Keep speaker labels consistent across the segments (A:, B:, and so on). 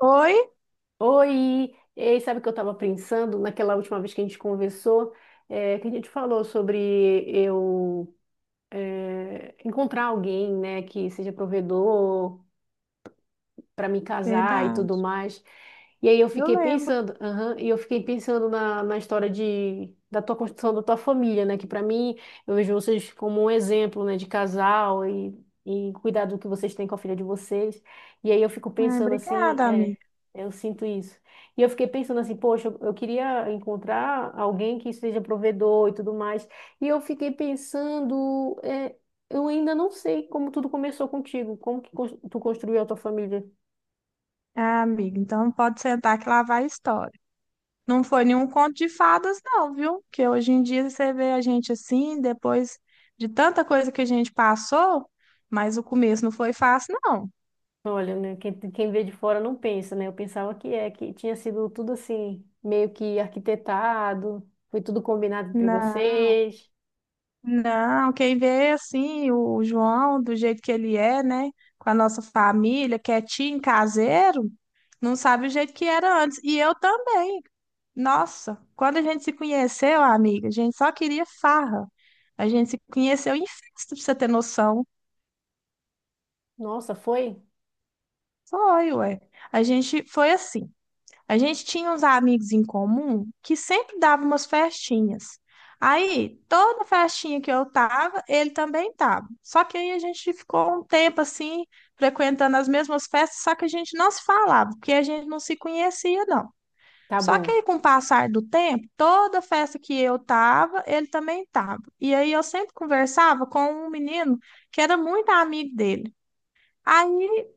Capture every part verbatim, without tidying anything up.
A: Oi?
B: Oi! Ei, sabe o que eu estava pensando naquela última vez que a gente conversou? É, que a gente falou sobre eu é, encontrar alguém, né, que seja provedor, para me casar e tudo
A: Verdade.
B: mais. E aí eu
A: Eu
B: fiquei
A: lembro.
B: pensando, aham, e eu fiquei pensando na, na história de, da tua construção da tua família, né? Que para mim, eu vejo vocês como um exemplo, né, de casal e, e cuidado que vocês têm com a filha de vocês. E aí eu fico
A: Ah,
B: pensando assim,
A: obrigada,
B: é,
A: amiga.
B: eu sinto isso. E eu fiquei pensando assim, poxa, eu, eu queria encontrar alguém que seja provedor e tudo mais. E eu fiquei pensando, é, eu ainda não sei como tudo começou contigo, como que cons- tu construiu a tua família.
A: Ah, amiga, então pode sentar que lá vai a história. Não foi nenhum conto de fadas, não, viu? Que hoje em dia você vê a gente assim, depois de tanta coisa que a gente passou, mas o começo não foi fácil, não.
B: Olha, né, quem, quem vê de fora não pensa, né? Eu pensava que é, que tinha sido tudo assim, meio que arquitetado, foi tudo combinado entre
A: Não,
B: vocês.
A: não, quem vê assim, o João, do jeito que ele é, né? Com a nossa família, quietinho, caseiro, não sabe o jeito que era antes. E eu também. Nossa, quando a gente se conheceu, amiga, a gente só queria farra. A gente se conheceu em festa, pra você ter noção.
B: Nossa, foi?
A: Foi, ué. A gente foi assim. A gente tinha uns amigos em comum que sempre davam umas festinhas. Aí, toda festinha que eu tava, ele também tava. Só que aí a gente ficou um tempo assim, frequentando as mesmas festas, só que a gente não se falava, porque a gente não se conhecia, não.
B: Tá
A: Só que
B: bom.
A: aí, com o passar do tempo, toda festa que eu tava, ele também tava. E aí eu sempre conversava com um menino que era muito amigo dele. Aí,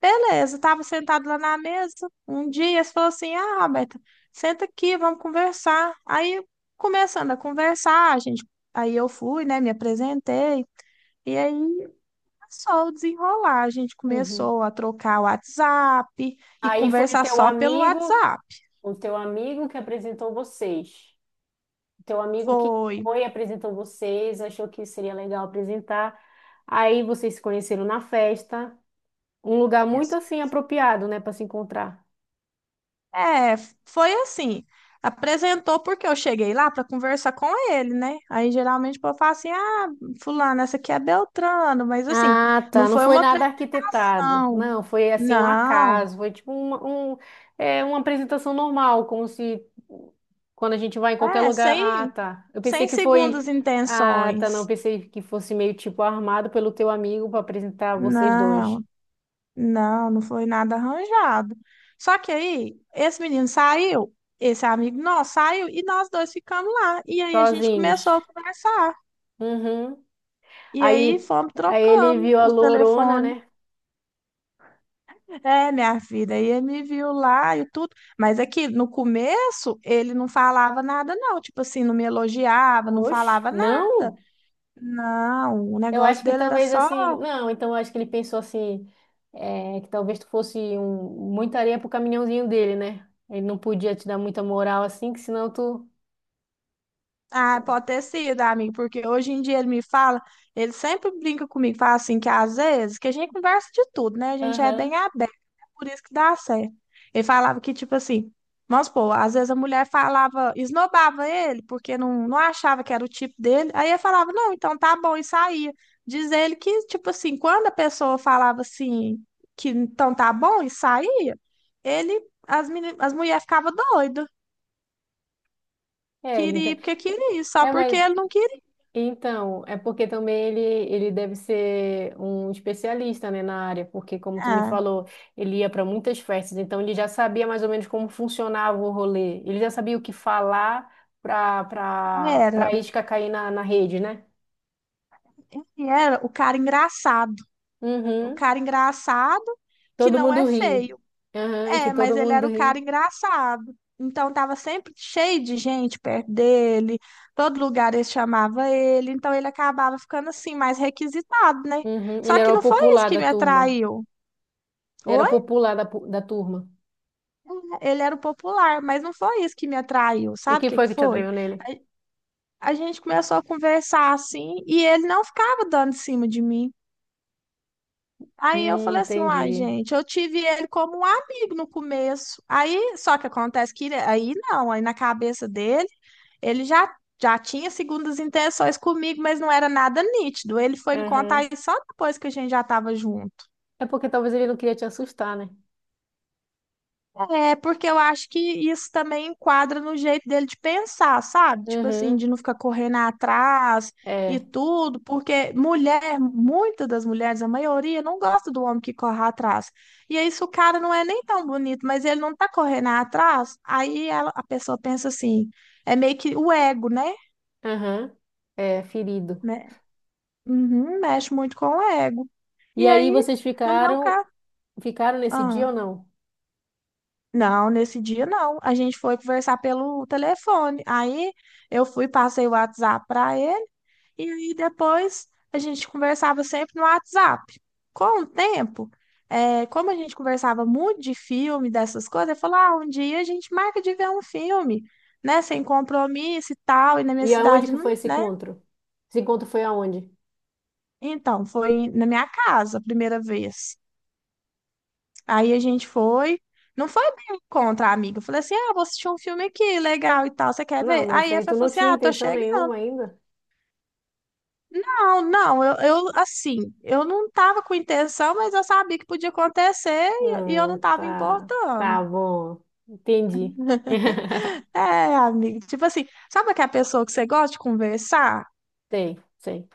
A: beleza, tava sentado lá na mesa. Um dia ele falou assim: Ah, Roberta, senta aqui, vamos conversar. Aí, começando a conversar, a gente, aí eu fui, né, me apresentei. E aí começou o desenrolar. A gente
B: Uhum.
A: começou a trocar o WhatsApp e
B: Aí foi o
A: conversar
B: teu
A: só pelo
B: amigo,
A: WhatsApp.
B: o teu amigo que apresentou vocês. O teu amigo que
A: Foi.
B: foi, apresentou vocês, achou que seria legal apresentar. Aí vocês se conheceram na festa, um lugar muito assim apropriado, né, para se encontrar.
A: É, foi assim. Apresentou porque eu cheguei lá para conversar com ele, né? Aí geralmente o povo fala assim: ah, fulano, essa aqui é Beltrano, mas assim,
B: Ah,
A: não
B: tá. Não
A: foi
B: foi
A: uma
B: nada arquitetado.
A: pregação.
B: Não, foi assim um
A: Não,
B: acaso. Foi tipo uma, um, é, Uma apresentação normal, como se quando a gente vai em qualquer
A: é,
B: lugar. Ah,
A: sem,
B: tá. Eu pensei
A: sem
B: que foi.
A: segundas
B: Ah, tá. Não, eu
A: intenções.
B: pensei que fosse meio tipo armado pelo teu amigo para apresentar vocês dois,
A: Não, não, não foi nada arranjado. Só que aí, esse menino saiu, esse amigo nosso saiu, e nós dois ficamos lá. E aí a gente
B: sozinhos.
A: começou a conversar.
B: Uhum.
A: E aí
B: Aí,
A: fomos,
B: Aí ele
A: trocamos
B: viu a
A: os
B: lorona,
A: telefones.
B: né?
A: É, minha filha, e ele me viu lá e tudo, mas é que no começo ele não falava nada, não, tipo assim, não me elogiava, não
B: Oxe,
A: falava nada.
B: não.
A: Não, o
B: Eu acho
A: negócio
B: que
A: dele era
B: talvez
A: só.
B: assim, não, então eu acho que ele pensou assim, é, que talvez tu fosse um, muita areia pro caminhãozinho dele, né? Ele não podia te dar muita moral assim, que senão tu.
A: Ah, pode ter sido, amigo, porque hoje em dia ele me fala, ele sempre brinca comigo, fala assim, que às vezes, que a gente conversa de tudo, né? A gente é bem
B: Aham.
A: aberto, é por isso que dá certo. Ele falava que, tipo assim, vamos supor, às vezes a mulher falava, esnobava ele, porque não, não achava que era o tipo dele, aí ele falava, não, então tá bom, e saía. Diz ele que, tipo assim, quando a pessoa falava assim, que então tá bom, e saía, ele, as, meni- as mulheres ficavam doidas,
B: É, ele.
A: queria
B: ente-
A: porque queria, só
B: É,
A: porque
B: mas.
A: ele não queria.
B: Então, é porque também ele, ele deve ser um especialista, né, na área, porque como tu me
A: Ah.
B: falou, ele ia para muitas festas, então ele já sabia mais ou menos como funcionava o rolê. Ele já sabia o que falar para para
A: Era,
B: para isca cair na, na rede, né?
A: ele era o cara engraçado. O
B: Uhum.
A: cara engraçado que
B: Todo
A: não é
B: mundo ri.
A: feio.
B: Aham, e que
A: É, mas
B: todo
A: ele
B: mundo
A: era o
B: ri.
A: cara engraçado. Então tava sempre cheio de gente perto dele, todo lugar eles chamava ele, então ele acabava ficando assim mais requisitado, né?
B: Uhum. Ele
A: Só que
B: era o
A: não foi isso
B: popular
A: que
B: da
A: me
B: turma.
A: atraiu.
B: Ele era o
A: Oi?
B: popular da, pu- Da turma.
A: É, Ele era o popular, mas não foi isso que me atraiu.
B: E o
A: Sabe o
B: que
A: que
B: foi
A: que
B: que te
A: foi?
B: atraiu nele?
A: A gente começou a conversar assim e ele não ficava dando em cima de mim. Aí eu
B: Hum,
A: falei assim, uai,
B: entendi.
A: gente, eu tive ele como um amigo no começo. Aí, só que acontece que ele- aí não, aí na cabeça dele, ele já já tinha segundas intenções comigo, mas não era nada nítido. Ele foi me contar
B: Aham.
A: isso só depois que a gente já estava junto.
B: É porque talvez ele não queria te assustar, né?
A: É, porque eu acho que isso também enquadra no jeito dele de pensar, sabe? Tipo assim, de
B: Uhum.
A: não ficar correndo atrás e
B: É.
A: tudo, porque mulher, muitas das mulheres, a maioria, não gosta do homem que corre atrás. E aí, se o cara não é nem tão bonito, mas ele não tá correndo atrás, aí ela- a pessoa pensa assim, é meio que o ego, né?
B: Aham. É, ferido.
A: Né? Uhum, mexe muito com o ego.
B: E
A: E
B: aí
A: aí,
B: vocês
A: no meu
B: ficaram,
A: caso.
B: ficaram nesse dia ou não?
A: Não, nesse dia não. A gente foi conversar pelo telefone. Aí eu fui, passei o WhatsApp para ele e aí depois a gente conversava sempre no WhatsApp. Com o tempo, é, como a gente conversava muito de filme, dessas coisas, ele falou: ah, um dia a gente marca de ver um filme, né? Sem compromisso e tal. E na minha
B: E aonde
A: cidade,
B: que
A: não,
B: foi esse
A: né?
B: encontro? Esse encontro foi aonde?
A: Então, foi na minha casa a primeira vez. Aí a gente foi. Não foi bem contra a amiga. Eu falei assim: ah, vou assistir um filme aqui, legal e tal, você quer
B: Não,
A: ver?
B: mas
A: Aí a
B: aí
A: Fê
B: tu
A: falou
B: não
A: assim:
B: tinha
A: ah, tô
B: intenção
A: chegando.
B: nenhuma ainda?
A: Não, não, eu, eu, assim, eu não tava com intenção, mas eu sabia que podia acontecer e, e eu não
B: Hum,
A: tava
B: tá.
A: importando.
B: Tá bom. Entendi.
A: É, amiga, tipo assim, sabe aquela pessoa que você gosta de conversar?
B: Sei, sei,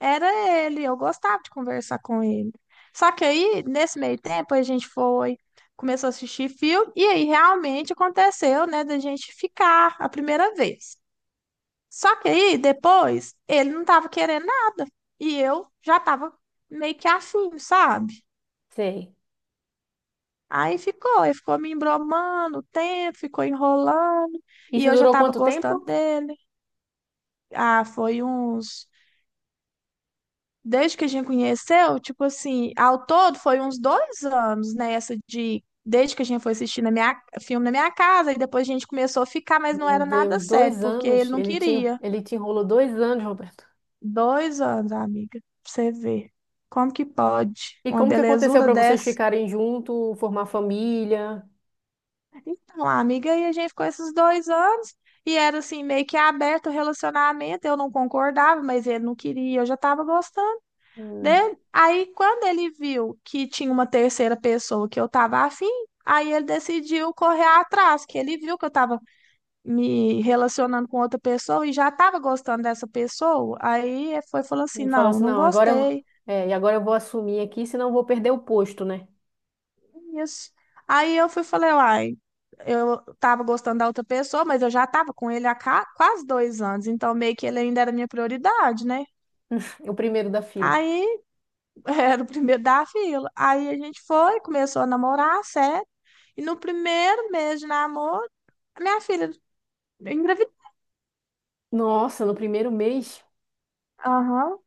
A: Era ele, eu gostava de conversar com ele. Só que aí, nesse meio tempo, a gente foi começou a assistir filme, e aí realmente aconteceu, né, da gente ficar a primeira vez. Só que aí, depois, ele não tava querendo nada. E eu já tava meio que afim, sabe?
B: sei.
A: Aí ficou, ele ficou me embromando o tempo, ficou enrolando. E
B: Isso
A: eu já
B: durou
A: tava
B: quanto
A: gostando
B: tempo?
A: dele. Ah, foi uns. Desde que a gente conheceu, tipo assim, ao todo foi uns dois anos, né? Essa de. Desde que a gente foi assistir na minha, filme na minha casa, e depois a gente começou a ficar, mas não
B: Meu
A: era nada
B: Deus,
A: sério,
B: dois
A: porque ele
B: anos.
A: não
B: Ele te,
A: queria.
B: ele te enrolou dois anos, Roberto.
A: Dois anos, amiga, pra você ver. Como que pode?
B: E
A: Uma
B: como que aconteceu
A: belezura
B: para vocês
A: dessa.
B: ficarem junto, formar família?
A: Então, amiga, aí a gente ficou esses dois anos e era assim, meio que aberto o relacionamento. Eu não concordava, mas ele não queria, eu já tava gostando
B: Hum.
A: dele. Aí, quando ele viu que tinha uma terceira pessoa que eu tava afim, aí ele decidiu correr atrás, que ele viu que eu tava me relacionando com outra pessoa e já tava gostando dessa pessoa. Aí ele foi falando assim:
B: Ele falou
A: não,
B: assim,
A: não
B: não, agora eu,
A: gostei.
B: é, E agora eu vou assumir aqui, senão eu vou perder o posto, né?
A: Isso. Aí eu fui e falei, uai, eu tava gostando da outra pessoa, mas eu já tava com ele há ca- quase dois anos, então meio que ele ainda era minha prioridade, né?
B: O primeiro da fila.
A: Aí era o primeiro da fila. Aí a gente foi, começou a namorar, sério. E no primeiro mês de namoro, a minha filha engravidou.
B: Nossa, no primeiro mês?
A: Aham.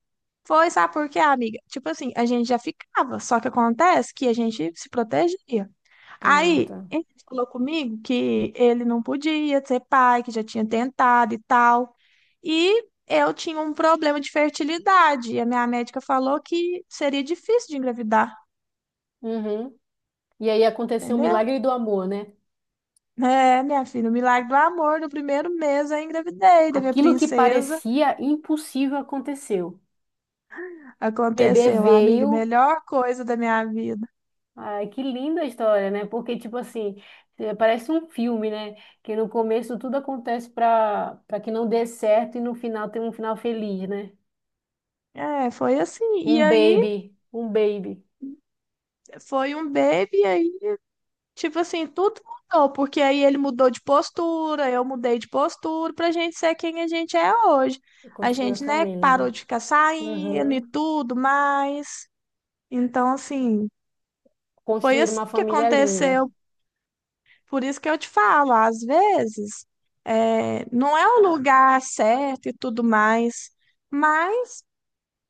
A: Foi, sabe por quê, amiga? Tipo assim, a gente já ficava, só que acontece que a gente se protegia.
B: Ah,
A: Aí
B: tá.
A: ele falou comigo que ele não podia ser pai, que já tinha tentado e tal. E eu tinha um problema de fertilidade. E a minha médica falou que seria difícil de engravidar,
B: Uhum. E aí aconteceu o
A: entendeu?
B: milagre do amor, né?
A: É, minha filha, o milagre do amor no primeiro mês eu engravidei da minha
B: Aquilo que
A: princesa.
B: parecia impossível aconteceu. Bebê
A: Aconteceu, amiga,
B: veio.
A: melhor coisa da minha vida.
B: Ai, que linda a história, né? Porque, tipo assim, eh, parece um filme, né? Que no começo tudo acontece para para que não dê certo e no final tem um final feliz, né?
A: É, foi assim. E
B: Um
A: aí
B: baby, um baby.
A: foi um baby. Tipo assim, tudo mudou, porque aí ele mudou de postura, eu mudei de postura pra gente ser quem a gente é hoje. A
B: Construir a
A: gente, né,
B: família,
A: parou
B: né?
A: de ficar saindo e
B: Uhum.
A: tudo mais. Então, assim, foi
B: Construir
A: assim
B: uma
A: que
B: família linda.
A: aconteceu. Por isso que eu te falo, às vezes, é, não é o lugar certo e tudo mais, mas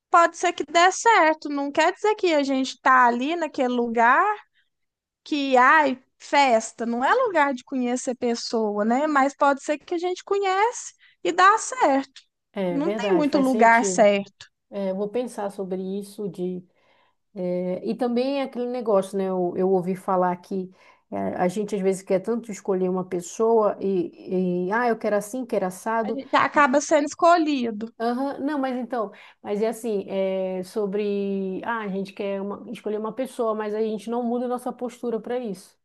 A: pode ser que dê certo. Não quer dizer que a gente tá ali naquele lugar. Que, ai, festa não é lugar de conhecer pessoa, né? Mas pode ser que a gente conhece e dá certo.
B: É
A: Não tem
B: verdade,
A: muito
B: faz
A: lugar
B: sentido.
A: certo.
B: É, eu vou pensar sobre isso de... eh, e também é aquele negócio, né? Eu, eu ouvi falar que eh, a gente às vezes quer tanto escolher uma pessoa e, e... Ah, eu quero assim, quero
A: A
B: assado.
A: gente acaba sendo escolhido.
B: Aham. Não, mas então, mas é assim, é sobre, ah, a gente quer uma- escolher uma pessoa, mas a gente não muda nossa postura para isso.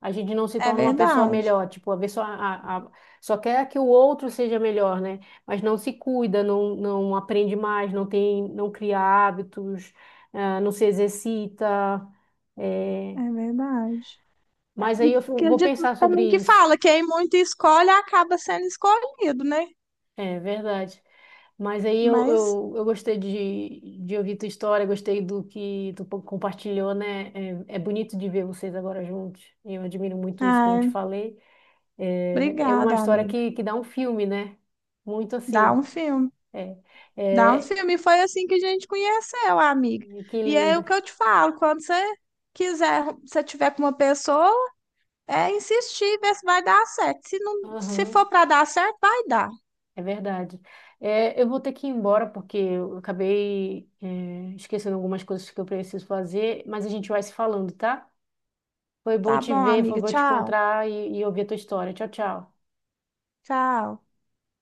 B: A gente não se
A: É
B: torna uma pessoa
A: verdade,
B: melhor, tipo, a pessoa a, a- só quer que o outro seja melhor, né? Mas não se cuida, não, não aprende mais, não tem, não cria hábitos, ah, não se exercita. É.
A: é verdade.
B: Mas aí
A: E
B: eu
A: tem aquele
B: vou
A: ditado
B: pensar sobre
A: também que
B: isso.
A: fala, quem muito escolhe acaba sendo escolhido, né?
B: É verdade. Mas aí eu,
A: Mas,
B: eu, eu gostei de, de ouvir tua história, gostei do que tu po- compartilhou, né? É, é bonito de ver vocês agora juntos. Eu admiro muito isso, como eu te
A: ai,
B: falei. É, é uma
A: obrigada,
B: história
A: amiga.
B: que, que dá um filme, né? Muito
A: Dá um
B: assim.
A: filme.
B: É,
A: Dá um
B: é,
A: filme. E Foi assim que a gente conheceu, amiga.
B: que
A: E é
B: lindo.
A: o que eu te falo, quando você quiser, se tiver com uma pessoa, é insistir, ver se vai dar certo. Se não, se
B: Aham,
A: for para dar certo, vai dar.
B: é verdade. É, eu vou ter que ir embora porque eu acabei, é, esquecendo algumas coisas que eu preciso fazer, mas a gente vai se falando, tá? Foi bom
A: Tá
B: te
A: bom,
B: ver, foi
A: amiga.
B: bom te
A: Tchau.
B: encontrar e, e ouvir a tua história. Tchau, tchau.
A: Tchau.